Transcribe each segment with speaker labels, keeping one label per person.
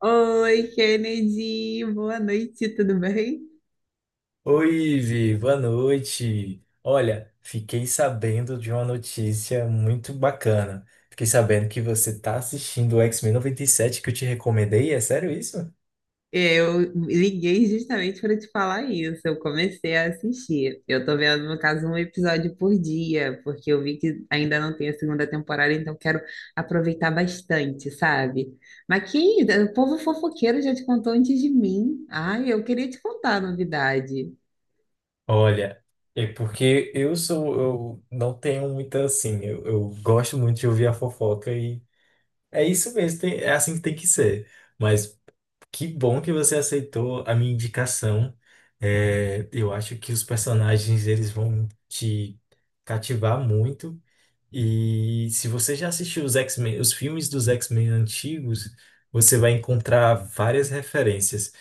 Speaker 1: Oi, Kennedy, boa noite, tudo bem?
Speaker 2: Oi, Vi, boa noite. Olha, fiquei sabendo de uma notícia muito bacana. Fiquei sabendo que você tá assistindo o X-Men 97 que eu te recomendei. É sério isso?
Speaker 1: Eu liguei justamente para te falar isso. Eu comecei a assistir. Eu tô vendo, no caso, um episódio por dia, porque eu vi que ainda não tem a segunda temporada, então quero aproveitar bastante, sabe? Mas que o povo fofoqueiro já te contou antes de mim. Ai, eu queria te contar a novidade.
Speaker 2: Olha, é porque eu não tenho muita assim, eu gosto muito de ouvir a fofoca e é isso mesmo, é assim que tem que ser. Mas que bom que você aceitou a minha indicação. É, eu acho que os personagens eles vão te cativar muito. E se você já assistiu os X-Men, os filmes dos X-Men antigos, você vai encontrar várias referências.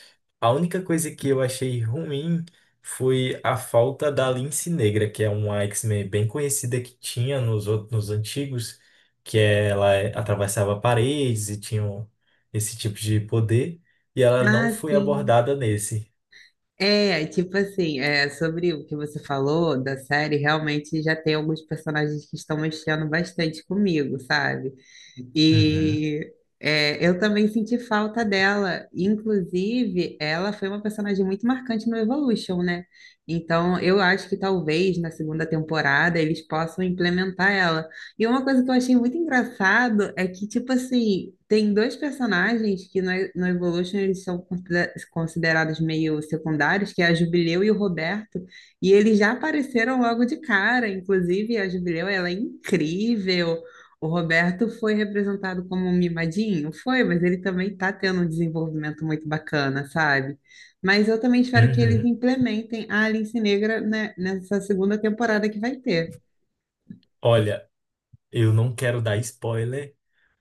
Speaker 2: A única coisa que eu achei ruim foi a falta da Lince Negra, que é uma X-Men bem conhecida que tinha nos antigos, que atravessava paredes e tinha esse tipo de poder, e ela não
Speaker 1: Ah,
Speaker 2: foi
Speaker 1: sim.
Speaker 2: abordada nesse.
Speaker 1: Tipo assim, sobre o que você falou da série, realmente já tem alguns personagens que estão mexendo bastante comigo, sabe?
Speaker 2: Uhum,
Speaker 1: E eu também senti falta dela. Inclusive, ela foi uma personagem muito marcante no Evolution, né? Então, eu acho que talvez na segunda temporada eles possam implementar ela. E uma coisa que eu achei muito engraçado é que, tipo assim, tem dois personagens que no, no Evolution eles são considerados meio secundários, que é a Jubileu e o Roberto, e eles já apareceram logo de cara. Inclusive, a Jubileu, ela é incrível. O Roberto foi representado como um mimadinho? Foi, mas ele também tá tendo um desenvolvimento muito bacana, sabe? Mas eu também espero que eles
Speaker 2: uhum.
Speaker 1: implementem a Alice Negra, né, nessa segunda temporada que vai ter.
Speaker 2: Olha, eu não quero dar spoiler.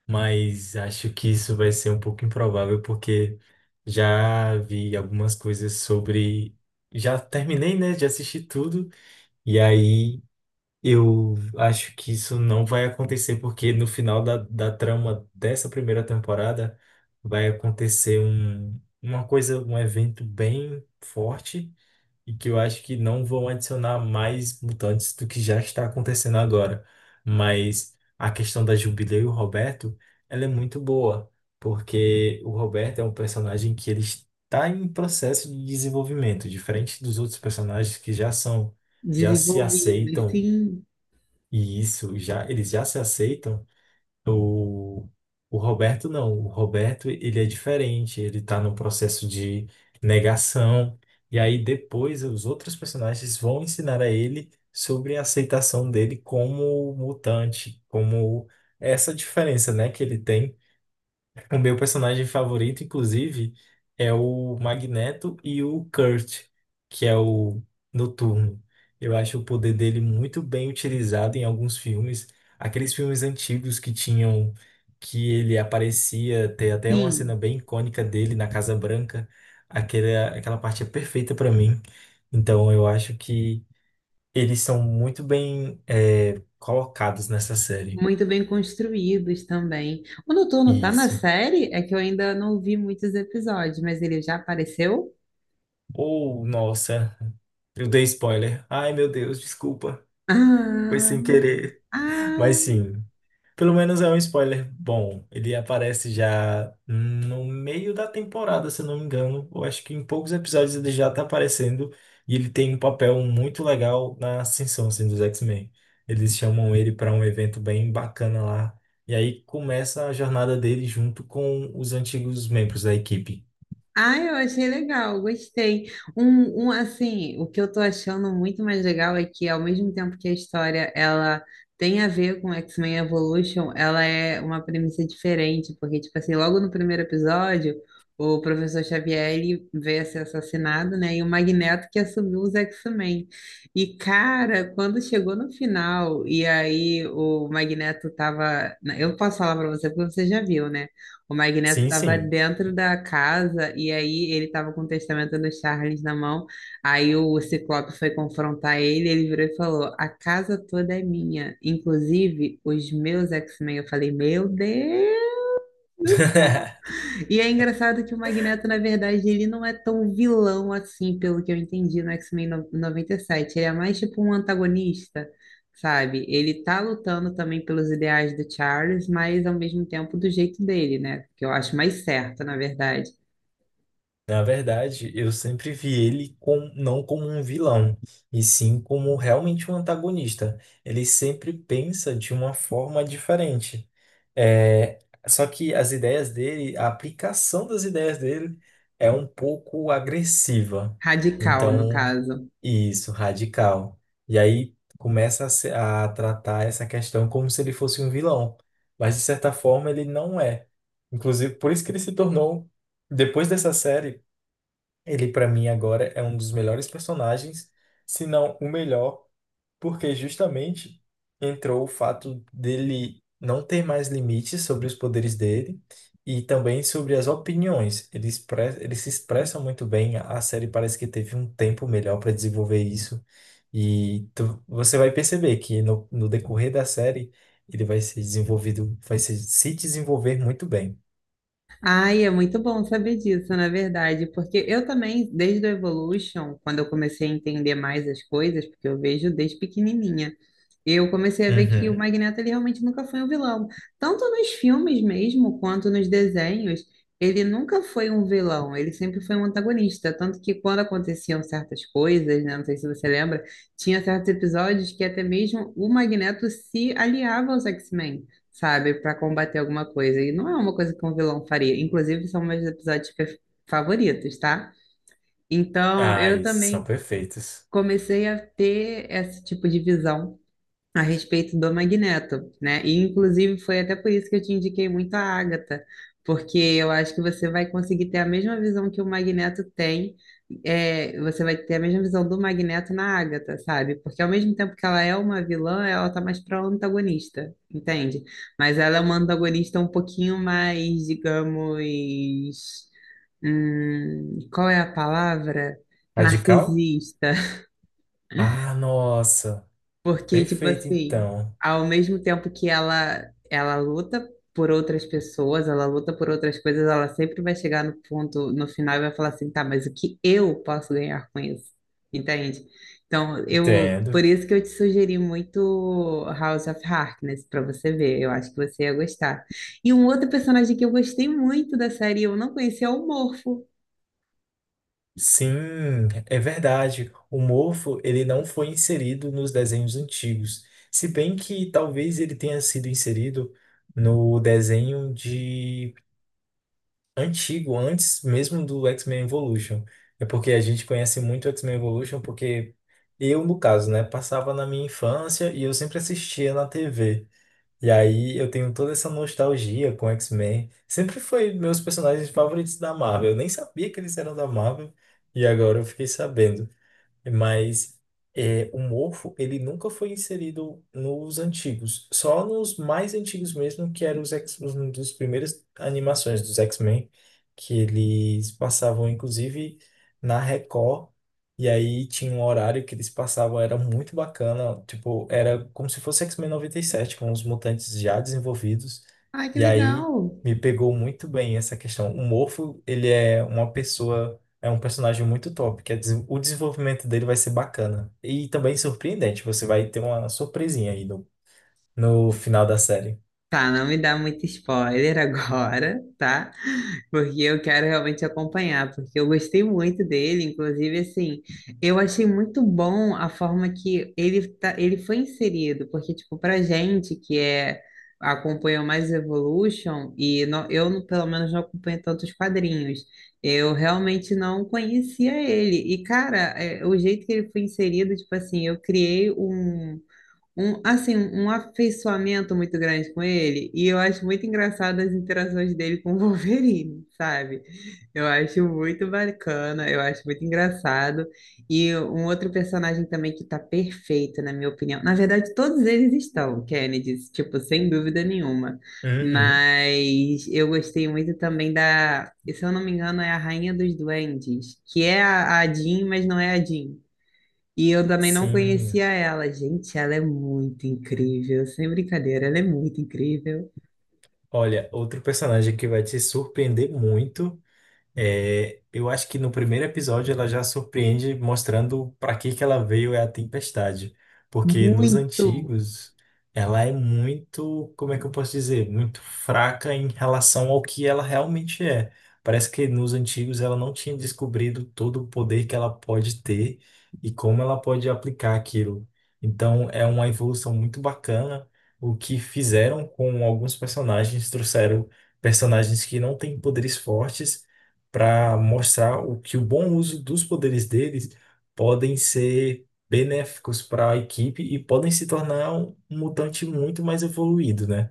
Speaker 2: Mas acho que isso vai ser um pouco improvável, porque já vi algumas coisas sobre. Já terminei, né? Já assisti tudo. E aí eu acho que isso não vai acontecer, porque no final da trama dessa primeira temporada vai acontecer uma coisa, um evento bem forte e que eu acho que não vão adicionar mais mutantes do que já está acontecendo agora. Mas a questão da Jubileu e o Roberto, ela é muito boa, porque o Roberto é um personagem que ele está em processo de desenvolvimento, diferente dos outros personagens que já são, já se
Speaker 1: Desenvolvidos,
Speaker 2: aceitam,
Speaker 1: sim,
Speaker 2: e isso, já, eles já se aceitam o, o Roberto não. O Roberto, ele é diferente. Ele tá num processo de negação. E aí depois os outros personagens vão ensinar a ele sobre a aceitação dele como mutante, como essa diferença, né, que ele tem. O meu personagem favorito, inclusive, é o Magneto e o Kurt, que é o Noturno. Eu acho o poder dele muito bem utilizado em alguns filmes. Aqueles filmes antigos que tinham, que ele aparecia, tem até uma cena
Speaker 1: sim.
Speaker 2: bem icônica dele na Casa Branca. Aquela parte é perfeita para mim. Então eu acho que eles são muito bem, colocados nessa série.
Speaker 1: Muito bem construídos também. O Noturno tá na
Speaker 2: Isso.
Speaker 1: série? É que eu ainda não vi muitos episódios, mas ele já apareceu?
Speaker 2: Ou, nossa. Eu dei spoiler. Ai, meu Deus, desculpa. Foi
Speaker 1: Ah,
Speaker 2: sem querer. Mas
Speaker 1: ah.
Speaker 2: sim, pelo menos é um spoiler bom. Ele aparece já no meio da temporada, se eu não me engano. Eu acho que em poucos episódios ele já tá aparecendo. E ele tem um papel muito legal na ascensão, assim, dos X-Men. Eles chamam ele para um evento bem bacana lá. E aí começa a jornada dele junto com os antigos membros da equipe.
Speaker 1: Ah, eu achei legal, gostei. Assim, o que eu tô achando muito mais legal é que, ao mesmo tempo que a história ela tem a ver com X-Men Evolution, ela é uma premissa diferente, porque, tipo assim, logo no primeiro episódio, o professor Xavier ele veio a ser assassinado, né? E o Magneto que assumiu os X-Men. E, cara, quando chegou no final, e aí o Magneto tava. Eu posso falar pra você porque você já viu, né? O Magneto
Speaker 2: Sim,
Speaker 1: estava
Speaker 2: sim.
Speaker 1: dentro da casa e aí ele estava com o testamento do Charles na mão. Aí o Ciclope foi confrontar ele, ele virou e falou: A casa toda é minha, inclusive os meus X-Men. Eu falei: Meu Deus! E é engraçado que o Magneto, na verdade, ele não é tão vilão assim, pelo que eu entendi no X-Men no- 97. Ele é mais tipo um antagonista, sabe? Ele tá lutando também pelos ideais do Charles, mas ao mesmo tempo do jeito dele, né? Que eu acho mais certo, na verdade.
Speaker 2: Na verdade, eu sempre vi ele com, não como um vilão, e sim como realmente um antagonista. Ele sempre pensa de uma forma diferente. É, só que as ideias dele, a aplicação das ideias dele é um pouco agressiva.
Speaker 1: Radical, no
Speaker 2: Então,
Speaker 1: caso.
Speaker 2: isso, radical. E aí começa a, se- a tratar essa questão como se ele fosse um vilão. Mas, de certa forma, ele não é. Inclusive, por isso que ele se tornou, depois dessa série. Ele, pra mim, agora é um dos melhores personagens, se não o melhor, porque justamente entrou o fato dele não ter mais limites sobre os poderes dele e também sobre as opiniões. Ele se expressa muito bem, a série parece que teve um tempo melhor para desenvolver isso. E você vai perceber que no decorrer da série ele vai ser desenvolvido, vai se desenvolver muito bem.
Speaker 1: Ai, é muito bom saber disso, na verdade, porque eu também, desde o Evolution, quando eu comecei a entender mais as coisas, porque eu vejo desde pequenininha, eu comecei a ver que o
Speaker 2: Uhum.
Speaker 1: Magneto ele realmente nunca foi um vilão. Tanto nos filmes mesmo, quanto nos desenhos, ele nunca foi um vilão, ele sempre foi um antagonista. Tanto que quando aconteciam certas coisas, né, não sei se você lembra, tinha certos episódios que até mesmo o Magneto se aliava aos X-Men, sabe, pra combater alguma coisa. E não é uma coisa que um vilão faria. Inclusive, são meus favoritos, tá? Então,
Speaker 2: Ah,
Speaker 1: eu
Speaker 2: esses são
Speaker 1: também
Speaker 2: perfeitos.
Speaker 1: comecei a ter esse tipo de visão a respeito do Magneto, né? E inclusive foi até por isso que eu te indiquei muito a Agatha, porque eu acho que você vai conseguir ter a mesma visão que o Magneto tem, é, você vai ter a mesma visão do Magneto na Agatha, sabe? Porque ao mesmo tempo que ela é uma vilã, ela tá mais pra antagonista, entende? Mas ela é uma antagonista um pouquinho mais, digamos, qual é a palavra?
Speaker 2: Radical?
Speaker 1: Narcisista,
Speaker 2: Ah, nossa.
Speaker 1: porque, tipo
Speaker 2: Perfeito,
Speaker 1: assim,
Speaker 2: então.
Speaker 1: ao mesmo tempo ela luta por outras pessoas, ela luta por outras coisas, ela sempre vai chegar no ponto, no final, e vai falar assim, tá, mas o que eu posso ganhar com isso? Entende? Então,
Speaker 2: Entendo.
Speaker 1: por isso que eu te sugeri muito House of Harkness, pra você ver, eu acho que você ia gostar. E um outro personagem que eu gostei muito da série, eu não conhecia, é o Morfo.
Speaker 2: Sim, é verdade. O Morpho, ele não foi inserido nos desenhos antigos. Se bem que talvez ele tenha sido inserido no desenho de antigo, antes mesmo do X-Men Evolution. É porque a gente conhece muito o X-Men Evolution porque eu, no caso, né, passava na minha infância e eu sempre assistia na TV. E aí eu tenho toda essa nostalgia com X-Men. Sempre foi meus personagens favoritos da Marvel. Eu nem sabia que eles eram da Marvel e agora eu fiquei sabendo. Mas é, o morfo, ele nunca foi inserido nos antigos, só nos mais antigos mesmo, que eram um dos primeiras animações dos X-Men, que eles passavam, inclusive, na Record, e aí tinha um horário que eles passavam, era muito bacana, tipo, era como se fosse X-Men 97 com os mutantes já desenvolvidos,
Speaker 1: Ai, que
Speaker 2: e aí
Speaker 1: legal!
Speaker 2: me pegou muito bem essa questão. O morfo, ele é uma pessoa é um personagem muito top, que é o desenvolvimento dele vai ser bacana. E também surpreendente, você vai ter uma surpresinha aí no final da série.
Speaker 1: Tá, não me dá muito spoiler agora, tá? Porque eu quero realmente acompanhar, porque eu gostei muito dele, inclusive, assim, eu achei muito bom a forma que ele, tá, ele foi inserido, porque, tipo, pra gente que é, acompanhou mais Evolution, e não- eu, não- pelo menos, não acompanho tantos quadrinhos, eu realmente não conhecia ele, e, cara, é, o jeito que ele foi inserido, tipo assim, eu criei um afeiçoamento muito grande com ele, e eu acho muito engraçado as interações dele com o Wolverine, sabe? Eu acho muito bacana, eu acho muito engraçado. E um outro personagem também que tá perfeito, na minha opinião. Na verdade, todos eles estão, Kennedy, tipo, sem dúvida nenhuma.
Speaker 2: Uhum,
Speaker 1: Mas eu gostei muito também se eu não me engano, é a Rainha dos Duendes, que é a Jean, mas não é a Jean. E eu também não
Speaker 2: sim.
Speaker 1: conhecia ela. Gente, ela é muito incrível, sem brincadeira, ela é muito incrível.
Speaker 2: Olha, outro personagem que vai te surpreender muito. É, eu acho que no primeiro episódio ela já surpreende mostrando para que que ela veio é a tempestade, porque nos
Speaker 1: Muito!
Speaker 2: antigos ela é muito, como é que eu posso dizer, muito fraca em relação ao que ela realmente é. Parece que nos antigos ela não tinha descobrido todo o poder que ela pode ter e como ela pode aplicar aquilo. Então é uma evolução muito bacana o que fizeram com alguns personagens, trouxeram personagens que não têm poderes fortes para mostrar o que o bom uso dos poderes deles podem ser benéficos para a equipe e podem se tornar um mutante muito mais evoluído, né?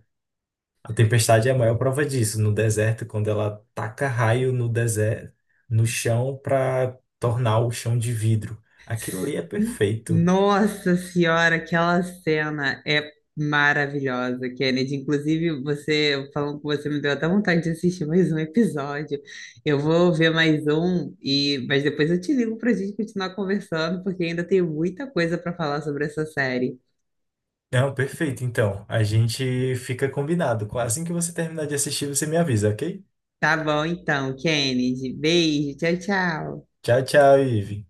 Speaker 2: A Tempestade é a maior prova disso, no deserto, quando ela taca raio no deserto, no chão para tornar o chão de vidro. Aquilo ali é perfeito.
Speaker 1: Nossa Senhora, aquela cena é maravilhosa, Kennedy. Inclusive, você falando com você me deu até vontade de assistir mais um episódio. Eu vou ver mais um, e mas depois eu te ligo para a gente continuar conversando, porque ainda tenho muita coisa para falar sobre essa série.
Speaker 2: Não, perfeito. Então, a gente fica combinado. Assim que você terminar de assistir, você me avisa, ok?
Speaker 1: Tá bom, então, Kennedy. Beijo, tchau, tchau.
Speaker 2: Tchau, tchau, Ive.